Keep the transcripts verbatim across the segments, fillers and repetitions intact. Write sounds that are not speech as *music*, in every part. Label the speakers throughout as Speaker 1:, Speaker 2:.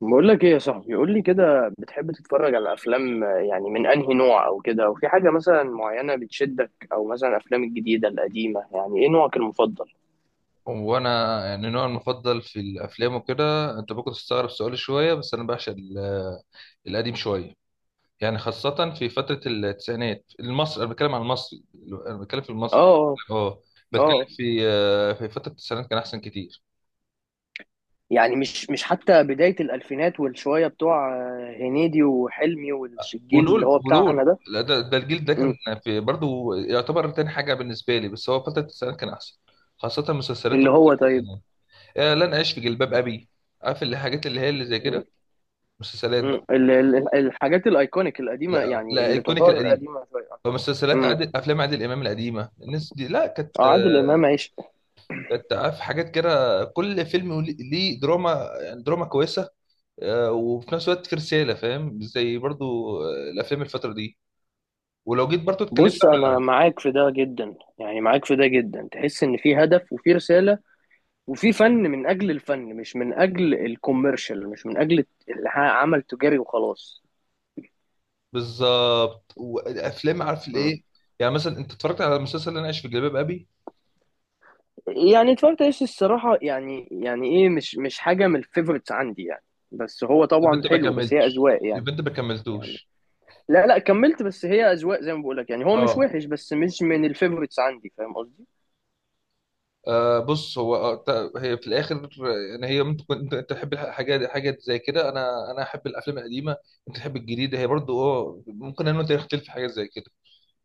Speaker 1: بقول لك ايه يا صاحبي؟ قول لي كده، بتحب تتفرج على افلام؟ آه، يعني من انهي نوع او كده؟ وفي حاجه مثلا معينه بتشدك؟ او مثلا الافلام الجديده القديمه، يعني ايه نوعك المفضل؟
Speaker 2: وانا يعني نوعي المفضل في الافلام وكده. انت ممكن تستغرب سؤالي شويه بس انا بعشق ال- القديم شويه. يعني خاصه في فتره التسعينات المصري، انا بتكلم عن المصري. انا بتكلم في
Speaker 1: اه
Speaker 2: المصري.
Speaker 1: اه.
Speaker 2: اه، بتكلم
Speaker 1: آه.
Speaker 2: في آه، في فتره التسعينات كان احسن كتير.
Speaker 1: يعني مش مش حتى بدايه الالفينات والشويه بتوع آه، هنيدي وحلمي والجيل اللي
Speaker 2: ودول
Speaker 1: هو
Speaker 2: ودول
Speaker 1: بتاعنا ده.
Speaker 2: لا، ده ده الجيل ده كان
Speaker 1: مم.
Speaker 2: في برضه يعتبر تاني حاجه بالنسبه لي، بس هو فتره التسعينات كان احسن، خاصه مسلسلاته
Speaker 1: اللي هو
Speaker 2: في
Speaker 1: طيب.
Speaker 2: التسعينات. آه، لن اعيش في جلباب ابي، عارف الحاجات اللي هي اللي زي
Speaker 1: مم.
Speaker 2: كده، مسلسلات
Speaker 1: مم.
Speaker 2: بقى.
Speaker 1: ال- ال- الحاجات الايكونيك القديمه،
Speaker 2: لا
Speaker 1: يعني
Speaker 2: لا
Speaker 1: اللي
Speaker 2: ايكونيك
Speaker 1: تعتبر
Speaker 2: القديم.
Speaker 1: قديمه شويه.
Speaker 2: طب مسلسلات
Speaker 1: مم.
Speaker 2: عادل، افلام عادل امام القديمه، الناس دي لا كانت،
Speaker 1: اه، عادل امام عيش.
Speaker 2: كانت في حاجات كده. كل فيلم ولي- ليه دراما، يعني دراما كويسه. آه، وفي نفس الوقت في رساله، فاهم؟ زي برضو آه، الافلام الفتره دي. ولو جيت برضو اتكلمت
Speaker 1: بص
Speaker 2: على
Speaker 1: انا معاك في ده جدا، يعني معاك في ده جدا. تحس ان في هدف وفي رسالة، وفي فن من اجل الفن، مش من اجل الكوميرشال، مش من اجل اللي ها- عمل تجاري وخلاص.
Speaker 2: بالظبط وافلام، عارف
Speaker 1: مم.
Speaker 2: الايه. يعني مثلا انت اتفرجت على المسلسل اللي انا عايش في جلباب ابي؟
Speaker 1: يعني اتفرجت ايش الصراحة، يعني يعني ايه، مش مش حاجة من الفيفورتس عندي يعني. بس هو
Speaker 2: يبقى
Speaker 1: طبعا
Speaker 2: انت ما
Speaker 1: حلو، بس هي
Speaker 2: كملتش،
Speaker 1: اذواق يعني.
Speaker 2: يبقى انت ما
Speaker 1: يعني
Speaker 2: كملتوش.
Speaker 1: لا لا، كملت، بس هي اذواق زي ما بقول لك. يعني هو مش
Speaker 2: اه.
Speaker 1: وحش، بس مش من الفيفورتس عندي. فاهم قصدي؟
Speaker 2: آه، بص هو آه، ت- هي في الاخر يعني، هي ممكن تكون انت، أنت تحب حاجات، حاجات زي كده. انا انا احب الافلام القديمه، انت تحب الجديده، هي برضو اه ممكن انا وانت نختلف في حاجات زي كده،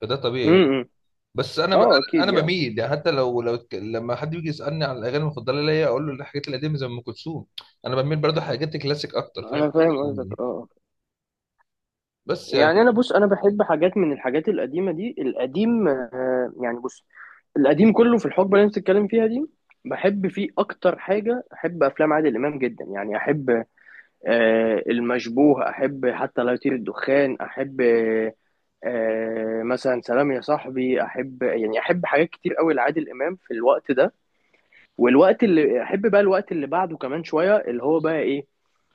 Speaker 2: فده طبيعي يعني.
Speaker 1: امم.
Speaker 2: بس انا ب...
Speaker 1: اه
Speaker 2: انا
Speaker 1: اكيد يعني.
Speaker 2: بميل يعني، حتى لو لو اتك- لما حد بيجي يسالني عن الاغاني المفضله ليا اقول له الحاجات القديمه زي ام كلثوم. انا بميل برضو حاجات الكلاسيك اكتر، فاهم؟
Speaker 1: انا
Speaker 2: الحاجات
Speaker 1: فاهم قصدك
Speaker 2: القديمة دي.
Speaker 1: اه.
Speaker 2: بس
Speaker 1: يعني انا
Speaker 2: يعني
Speaker 1: بص، انا بحب حاجات من الحاجات القديمه دي، القديم آه، يعني. بص، القديم كله في الحقبه اللي انت بتتكلم فيها دي بحب فيه. اكتر حاجه احب افلام عادل امام جدا، يعني احب آه، المشبوه، احب حتى لا يطير الدخان، احب آه، آه، مثلا سلام يا صاحبي. احب، يعني احب حاجات كتير قوي لعادل امام في الوقت ده. والوقت اللي احب بقى الوقت اللي بعده كمان شويه، اللي هو بقى ايه،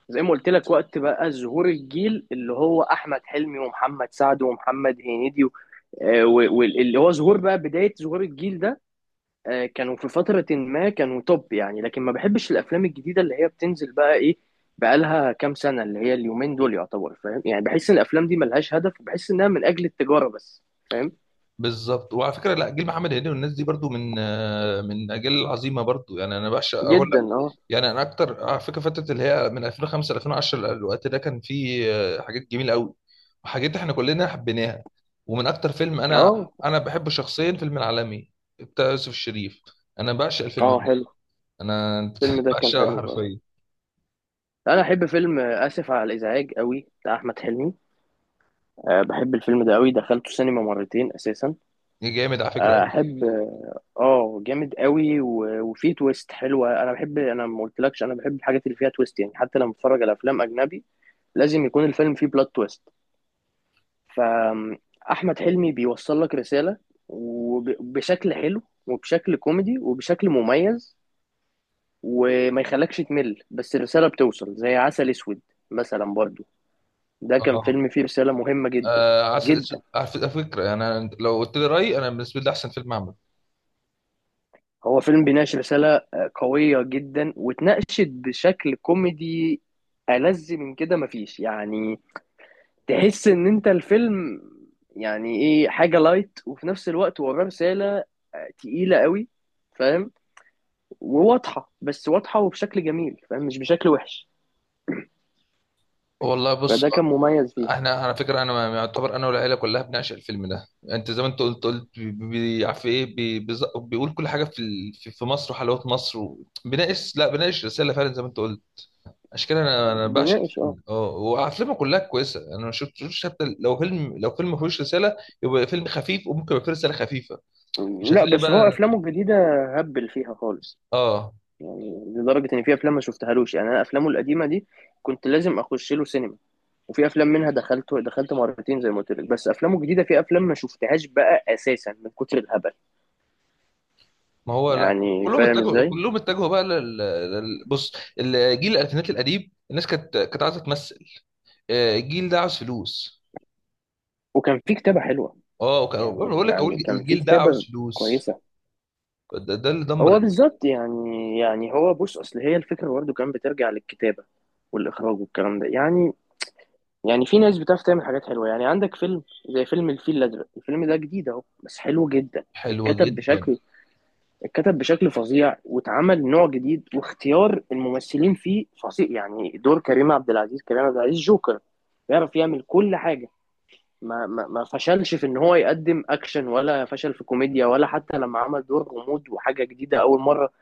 Speaker 1: زي ما قلت لك، وقت بقى ظهور الجيل اللي هو احمد حلمي ومحمد سعد ومحمد هنيدي و- آه، و- واللي هو ظهور بقى بدايه ظهور الجيل ده. آه، كانوا في فتره ما، كانوا توب يعني. لكن ما بحبش الافلام الجديده اللي هي بتنزل بقى ايه، بقالها كام سنه، اللي هي اليومين دول يعتبر. فاهم؟ يعني بحس ان الافلام دي ملهاش هدف، وبحس انها من اجل التجاره بس. فاهم؟
Speaker 2: بالظبط. وعلى فكره، لا، جيل محمد هنيدي والناس دي برضو من آه، من اجيال عظيمه برضو، يعني انا بعشق اقول.
Speaker 1: جدا اه.
Speaker 2: يعني انا اكتر على فكره فتره اللي هي من ألفين خمسة ل ألفين وعشرة، الوقت ده كان فيه آه، حاجات جميله قوي وحاجات احنا كلنا حبيناها. ومن اكتر فيلم انا
Speaker 1: اه
Speaker 2: انا بحبه شخصيا فيلم العالمي بتاع يوسف الشريف، انا بعشق الفيلم
Speaker 1: اه.
Speaker 2: ده.
Speaker 1: حلو.
Speaker 2: انا
Speaker 1: الفيلم
Speaker 2: *laughs*
Speaker 1: ده كان
Speaker 2: بعشقه
Speaker 1: حلو اه.
Speaker 2: حرفيا،
Speaker 1: انا احب فيلم اسف على الازعاج قوي، بتاع احمد حلمي. أه بحب الفيلم ده قوي، دخلته سينما مرتين اساسا.
Speaker 2: جامد على فكره
Speaker 1: آه،
Speaker 2: قوي.
Speaker 1: احب اه. آه، جامد قوي، و- وفيه تويست حلوه. انا بحب، انا ما قلتلكش، انا بحب الحاجات اللي فيها تويست يعني. حتى لما بتفرج على افلام اجنبي لازم يكون الفيلم فيه بلوت تويست. فاحمد حلمي بيوصل لك رساله، وبشكل حلو، وبشكل كوميدي، وبشكل مميز، وما يخلكش تمل، بس الرساله بتوصل. زي عسل اسود مثلا برضو، ده كان
Speaker 2: اه،
Speaker 1: فيلم فيه رساله مهمه جدا.
Speaker 2: آه، عسل اسود
Speaker 1: جدا.
Speaker 2: على فكره، يعني أنا لو قلت لي رايي انا بالنسبه لي ده احسن فيلم عمله.
Speaker 1: هو فيلم بيناقش رسالة آه، قوية جدا، واتناقشت بشكل كوميدي. ألذ من كده مفيش يعني. تحس إن أنت الفيلم، يعني إيه، حاجة لايت وفي نفس الوقت وراه رسالة آه، تقيلة قوي. فاهم؟ وواضحة، بس واضحة وبشكل جميل، فاهم، مش بشكل وحش.
Speaker 2: والله بص،
Speaker 1: فده كان مميز فيه.
Speaker 2: احنا على فكره، انا يعتبر انا والعيله كلها بنعشق الفيلم ده. انت زي ما انت قلت، قلت بي- بي- عارف ايه، بي- بيز- بيقول كل حاجه في ال- في في مصر وحلاوه مصر و- بيناقش، لا بيناقش رساله فعلا زي ما انت قلت. عشان كده انا انا بعشق
Speaker 1: بيناقش اه.
Speaker 2: الفيلم. اه، وافلامه كلها كويسه، انا ما شفتوش حتى لو فيلم، لو فيلم ما فيهوش رساله يبقى فيلم خفيف وممكن يبقى فيه رساله خفيفه. مش
Speaker 1: لا،
Speaker 2: هتلاقي
Speaker 1: بس هو
Speaker 2: بقى.
Speaker 1: أفلامه الجديدة هبل فيها خالص.
Speaker 2: اه.
Speaker 1: يعني لدرجة إن في أفلام ما شفتهالوش يعني. أنا أفلامه القديمة دي كنت لازم أخش له سينما، وفي افلام منها دخلت دخلت مرتين زي ما قلت لك، بس افلامه الجديده في افلام ما شفتهاش بقى اساسا من كتر الهبل.
Speaker 2: ما هو لا،
Speaker 1: يعني
Speaker 2: كلهم
Speaker 1: فاهم
Speaker 2: اتجهوا
Speaker 1: ازاي.
Speaker 2: كلهم اتجهوا بقى لل... لل- بص، الجيل الالفينات القديم الناس كانت، كانت عايزه تمثل. آه، الجيل ده عاوز فلوس.
Speaker 1: وكان في كتابه حلوه،
Speaker 2: اه، وكان
Speaker 1: يعني
Speaker 2: بقول لك هو
Speaker 1: يعني كان في
Speaker 2: الجيل ده عاوز
Speaker 1: كتابه
Speaker 2: فلوس،
Speaker 1: كويسه.
Speaker 2: ده, ده اللي دمر
Speaker 1: هو
Speaker 2: الدنيا.
Speaker 1: بالظبط، يعني يعني هو بص، اصل هي الفكره برضه كان بترجع للكتابه والاخراج والكلام ده يعني. يعني في ناس بتعرف تعمل حاجات حلوه، يعني عندك فيلم زي فيلم الفيل الازرق. الفيلم ده جديد اهو بس حلو جدا.
Speaker 2: حلوه
Speaker 1: اتكتب
Speaker 2: جدا.
Speaker 1: بشكل اتكتب بشكل فظيع، واتعمل نوع جديد، واختيار الممثلين فيه فظيع. يعني دور كريم عبد العزيز، كريم عبد العزيز جوكر، بيعرف يعمل كل حاجة. ما, ما, ما فشلش في ان هو يقدم اكشن، ولا فشل في كوميديا، ولا حتى لما عمل دور غموض وحاجة جديدة اول مرة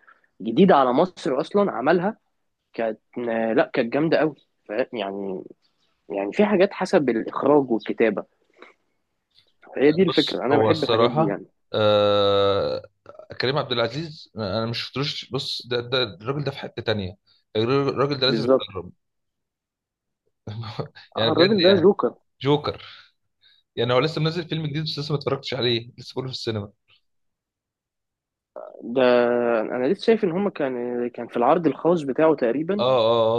Speaker 1: جديدة على مصر اصلا عملها، كانت، لا كانت جامدة قوي. ف- يعني يعني في حاجات حسب الاخراج والكتابة. هي دي
Speaker 2: بص
Speaker 1: الفكرة، انا
Speaker 2: هو
Speaker 1: بحب الحاجات دي
Speaker 2: الصراحه،
Speaker 1: يعني.
Speaker 2: آه، كريم عبد العزيز انا مش شفتلوش. بص ده, ده الراجل ده في حته تانية، الراجل ده لازم
Speaker 1: بالظبط.
Speaker 2: يتكرم. *laughs* يعني
Speaker 1: آه،
Speaker 2: بجد
Speaker 1: الراجل ده
Speaker 2: يعني،
Speaker 1: جوكر.
Speaker 2: جوكر. يعني هو لسه منزل فيلم جديد، بس لسه ما اتفرجتش عليه، لسه بقوله في السينما.
Speaker 1: ده انا لسه شايف ان هما كان كان في العرض الخاص بتاعه
Speaker 2: اه
Speaker 1: تقريبا.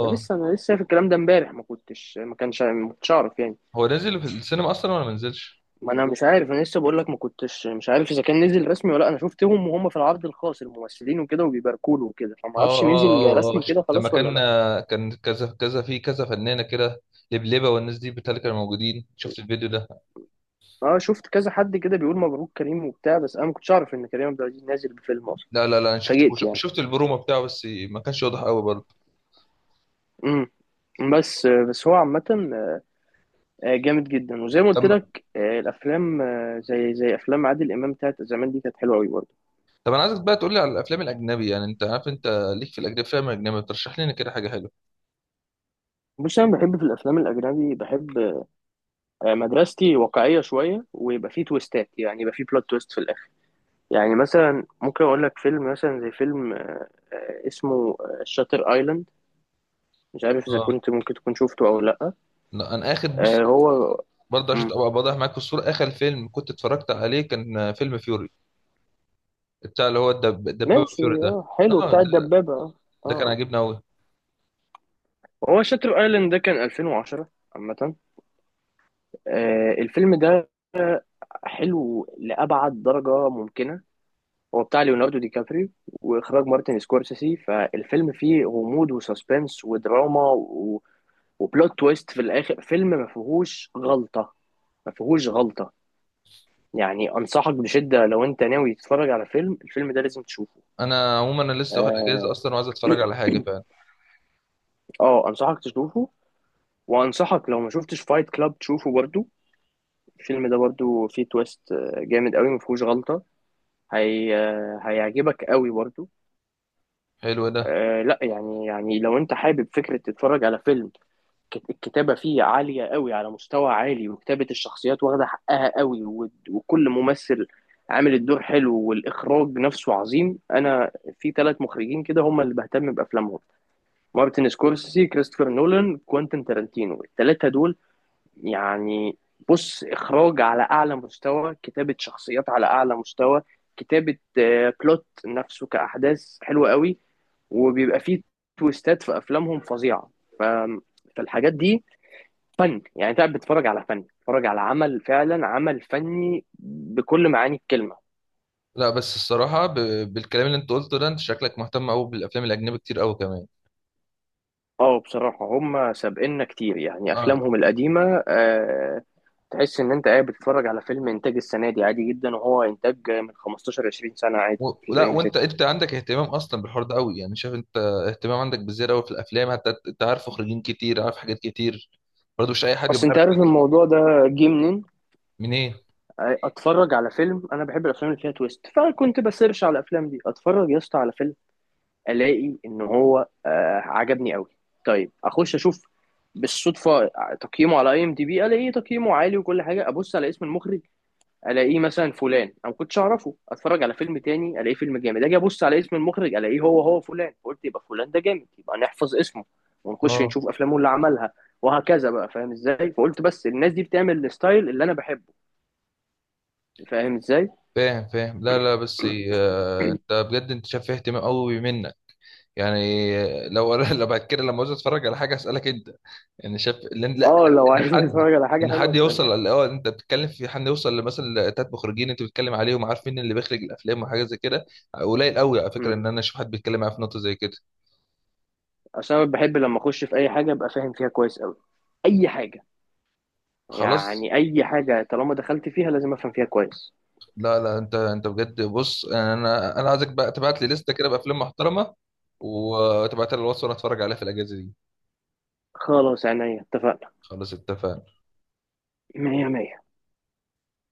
Speaker 1: ده
Speaker 2: اه.
Speaker 1: لسه انا لسه شايف الكلام ده امبارح، ما كنتش، ما كانش، ما كنتش اعرف يعني.
Speaker 2: هو نازل في السينما اصلا ولا ما نزلش؟
Speaker 1: ما انا مش عارف، انا لسه بقول لك، ما كنتش مش عارف اذا كان نزل رسمي ولا لأ. انا شفتهم وهم في العرض الخاص، الممثلين وكده وبيباركوا له وكده، فما
Speaker 2: اه
Speaker 1: اعرفش
Speaker 2: اه
Speaker 1: نزل
Speaker 2: اه اه،
Speaker 1: رسمي
Speaker 2: ش-
Speaker 1: كده
Speaker 2: لما
Speaker 1: خلاص ولا
Speaker 2: كان،
Speaker 1: لا.
Speaker 2: كان كذا كذا في كذا فنانه كده، لبلبه والناس دي بتاع، اللي كانوا موجودين، شفت الفيديو ده؟
Speaker 1: اه، شفت كذا حد كده بيقول مبروك كريم وبتاع، بس انا ما كنتش اعرف ان كريم عبد العزيز نازل بفيلم اصلا.
Speaker 2: لا لا لا، انا شفت
Speaker 1: اتفاجئت
Speaker 2: وش-
Speaker 1: يعني.
Speaker 2: شفت البرومو بتاعه، بس ما كانش واضح قوي برضه.
Speaker 1: امم. بس بس هو عامة آه، جامد جدا. وزي ما قلت
Speaker 2: طب،
Speaker 1: لك، آه، الافلام آه، زي زي افلام عادل امام بتاعت زمان دي كانت حلوه قوي برضه.
Speaker 2: طب انا عايزك بقى تقول لي على الافلام الاجنبي. يعني انت عارف، انت ليك في الاجنبي فيلم اجنبي ترشح لنا كده حاجه حلوه؟
Speaker 1: بص، انا بحب في الافلام الاجنبي، بحب آه، مدرستي واقعيه شويه، ويبقى فيه تويستات، يعني يبقى فيه بلوت تويست في الاخر. يعني مثلا ممكن اقول لك فيلم مثلا زي فيلم آه، آه، اسمه شاتر ايلاند. مش عارف اذا
Speaker 2: اه،
Speaker 1: كنت ممكن تكون شفته او لا.
Speaker 2: لا، انا اخد
Speaker 1: آه،
Speaker 2: بص
Speaker 1: هو
Speaker 2: برضه عشان
Speaker 1: مم.
Speaker 2: ابقى واضح معاك في الصوره، اخر فيلم كنت اتفرجت عليه كان فيلم فيوري بتاع اللي هو الدب- الدبابه،
Speaker 1: ماشي
Speaker 2: فيوري ده.
Speaker 1: اه، حلو،
Speaker 2: اه،
Speaker 1: بتاع
Speaker 2: ده،
Speaker 1: الدبابه اه.
Speaker 2: ده كان
Speaker 1: اه،
Speaker 2: عاجبني قوي.
Speaker 1: هو شاتر ايلاند ده كان الفين وعشرة عامه. آه، الفيلم ده حلو لأبعد درجة ممكنة. هو بتاع ليوناردو دي كابريو، وإخراج مارتن سكورسيسي. فالفيلم فيه غموض وسسبنس ودراما، و... وبلوت تويست في الآخر. فيلم ما فيهوش غلطة، ما فيهوش غلطة. يعني أنصحك بشدة، لو أنت ناوي تتفرج على فيلم الفيلم ده لازم تشوفه.
Speaker 2: انا عموما انا لسه واخد اجازه
Speaker 1: آه
Speaker 2: اصلا وعايز اتفرج على حاجه.
Speaker 1: آه أنصحك تشوفه. وأنصحك لو ما شفتش فايت كلاب تشوفه برضو. الفيلم ده برضو فيه تويست آه، جامد قوي، ما فيهوش غلطة. هي... آه، هيعجبك قوي برضو.
Speaker 2: حلو ده.
Speaker 1: آه لا، يعني يعني لو انت حابب فكرة تتفرج على فيلم، كت- الكتابة فيه عالية قوي على مستوى عالي، وكتابة الشخصيات واخدة حقها قوي، و- وكل ممثل عامل الدور حلو، والإخراج نفسه عظيم. أنا في ثلاث مخرجين كده هم اللي بهتم بأفلامهم: مارتن سكورسيزي، كريستوفر نولان، كوانتين تارانتينو. الثلاثة دول يعني، بص، إخراج على أعلى مستوى، كتابة شخصيات على أعلى مستوى، كتابة آه، بلوت نفسه كأحداث حلوة قوي، وبيبقى فيه تويستات في افلامهم فظيعه. ف... فالحاجات دي فن يعني. انت قاعد بتتفرج على فن، بتتفرج على عمل فعلا، عمل فني بكل معاني الكلمه.
Speaker 2: لا بس الصراحة ب... بالكلام اللي انت قلته ده، انت شكلك مهتم قوي بالافلام الاجنبي كتير قوي كمان.
Speaker 1: اه بصراحه، هم سابقنا كتير يعني.
Speaker 2: اه.
Speaker 1: افلامهم القديمه آه، تحس ان انت قاعد بتتفرج على فيلم انتاج السنه دي عادي جدا، وهو انتاج من خمسة عشر عشرين سنه، عادي
Speaker 2: و...
Speaker 1: مفيش
Speaker 2: لا،
Speaker 1: اي
Speaker 2: وانت،
Speaker 1: مشاكل.
Speaker 2: انت عندك اهتمام اصلا بالحوار ده قوي، يعني شايف انت اهتمام عندك بالزيادة قوي في الافلام. حتى انت عارف مخرجين كتير، عارف حاجات كتير، برضه مش اي حد يبقى
Speaker 1: اصل انت
Speaker 2: عارف.
Speaker 1: عارف الموضوع ده جه منين؟
Speaker 2: منين.
Speaker 1: اتفرج على فيلم، انا بحب الافلام اللي فيها تويست، فكنت بسيرش على الافلام دي. اتفرج يا اسطى على فيلم، الاقي ان هو آه عجبني قوي، طيب اخش اشوف بالصدفه تقييمه على اي ام دي بي، الاقيه تقييمه عالي وكل حاجه، ابص على اسم المخرج الاقيه مثلا فلان، انا ما كنتش اعرفه. اتفرج على فيلم تاني، الاقيه فيلم جامد، اجي ابص على اسم المخرج الاقيه هو هو فلان، قلت يبقى فلان ده جامد، يبقى نحفظ اسمه ونخش
Speaker 2: اه.
Speaker 1: نشوف افلامه اللي عملها، وهكذا بقى. فاهم ازاي؟ فقلت، بس الناس دي بتعمل الستايل اللي انا بحبه، فاهم ازاي.
Speaker 2: فاهم فاهم. لا لا بس، آه، انت بجد انت شايف فيه اهتمام قوي منك. يعني لو *laughs* لو بعد كده لما عاوز اتفرج على حاجة اسالك انت. يعني شايف اللي، لا لا،
Speaker 1: اه لو
Speaker 2: ان
Speaker 1: عايز *laughs*
Speaker 2: حد،
Speaker 1: تتفرج على حاجه
Speaker 2: ان
Speaker 1: حلوه
Speaker 2: حد
Speaker 1: اسالني.
Speaker 2: يوصل، اه انت بتتكلم في حد يوصل لمثلا تلات مخرجين انت بتتكلم عليهم، عارف مين اللي بيخرج الافلام وحاجه زي كده. قليل قوي على فكره ان انا اشوف حد بيتكلم معايا في نقطه زي كده.
Speaker 1: اصل انا بحب لما اخش في اي حاجه ابقى فاهم فيها كويس قوي، اي حاجه.
Speaker 2: خلاص.
Speaker 1: يعني اي حاجه طالما دخلت فيها لازم افهم فيها كويس.
Speaker 2: لا لا، انت انت بجد بص، انا انا عايزك بقى تبعت لي لسته كده بافلام محترمه وتبعتها لي على الواتس وانا اتفرج عليها في الاجازه دي.
Speaker 1: خلاص، عينيا، اتفقنا.
Speaker 2: خلاص اتفقنا.
Speaker 1: مية مية.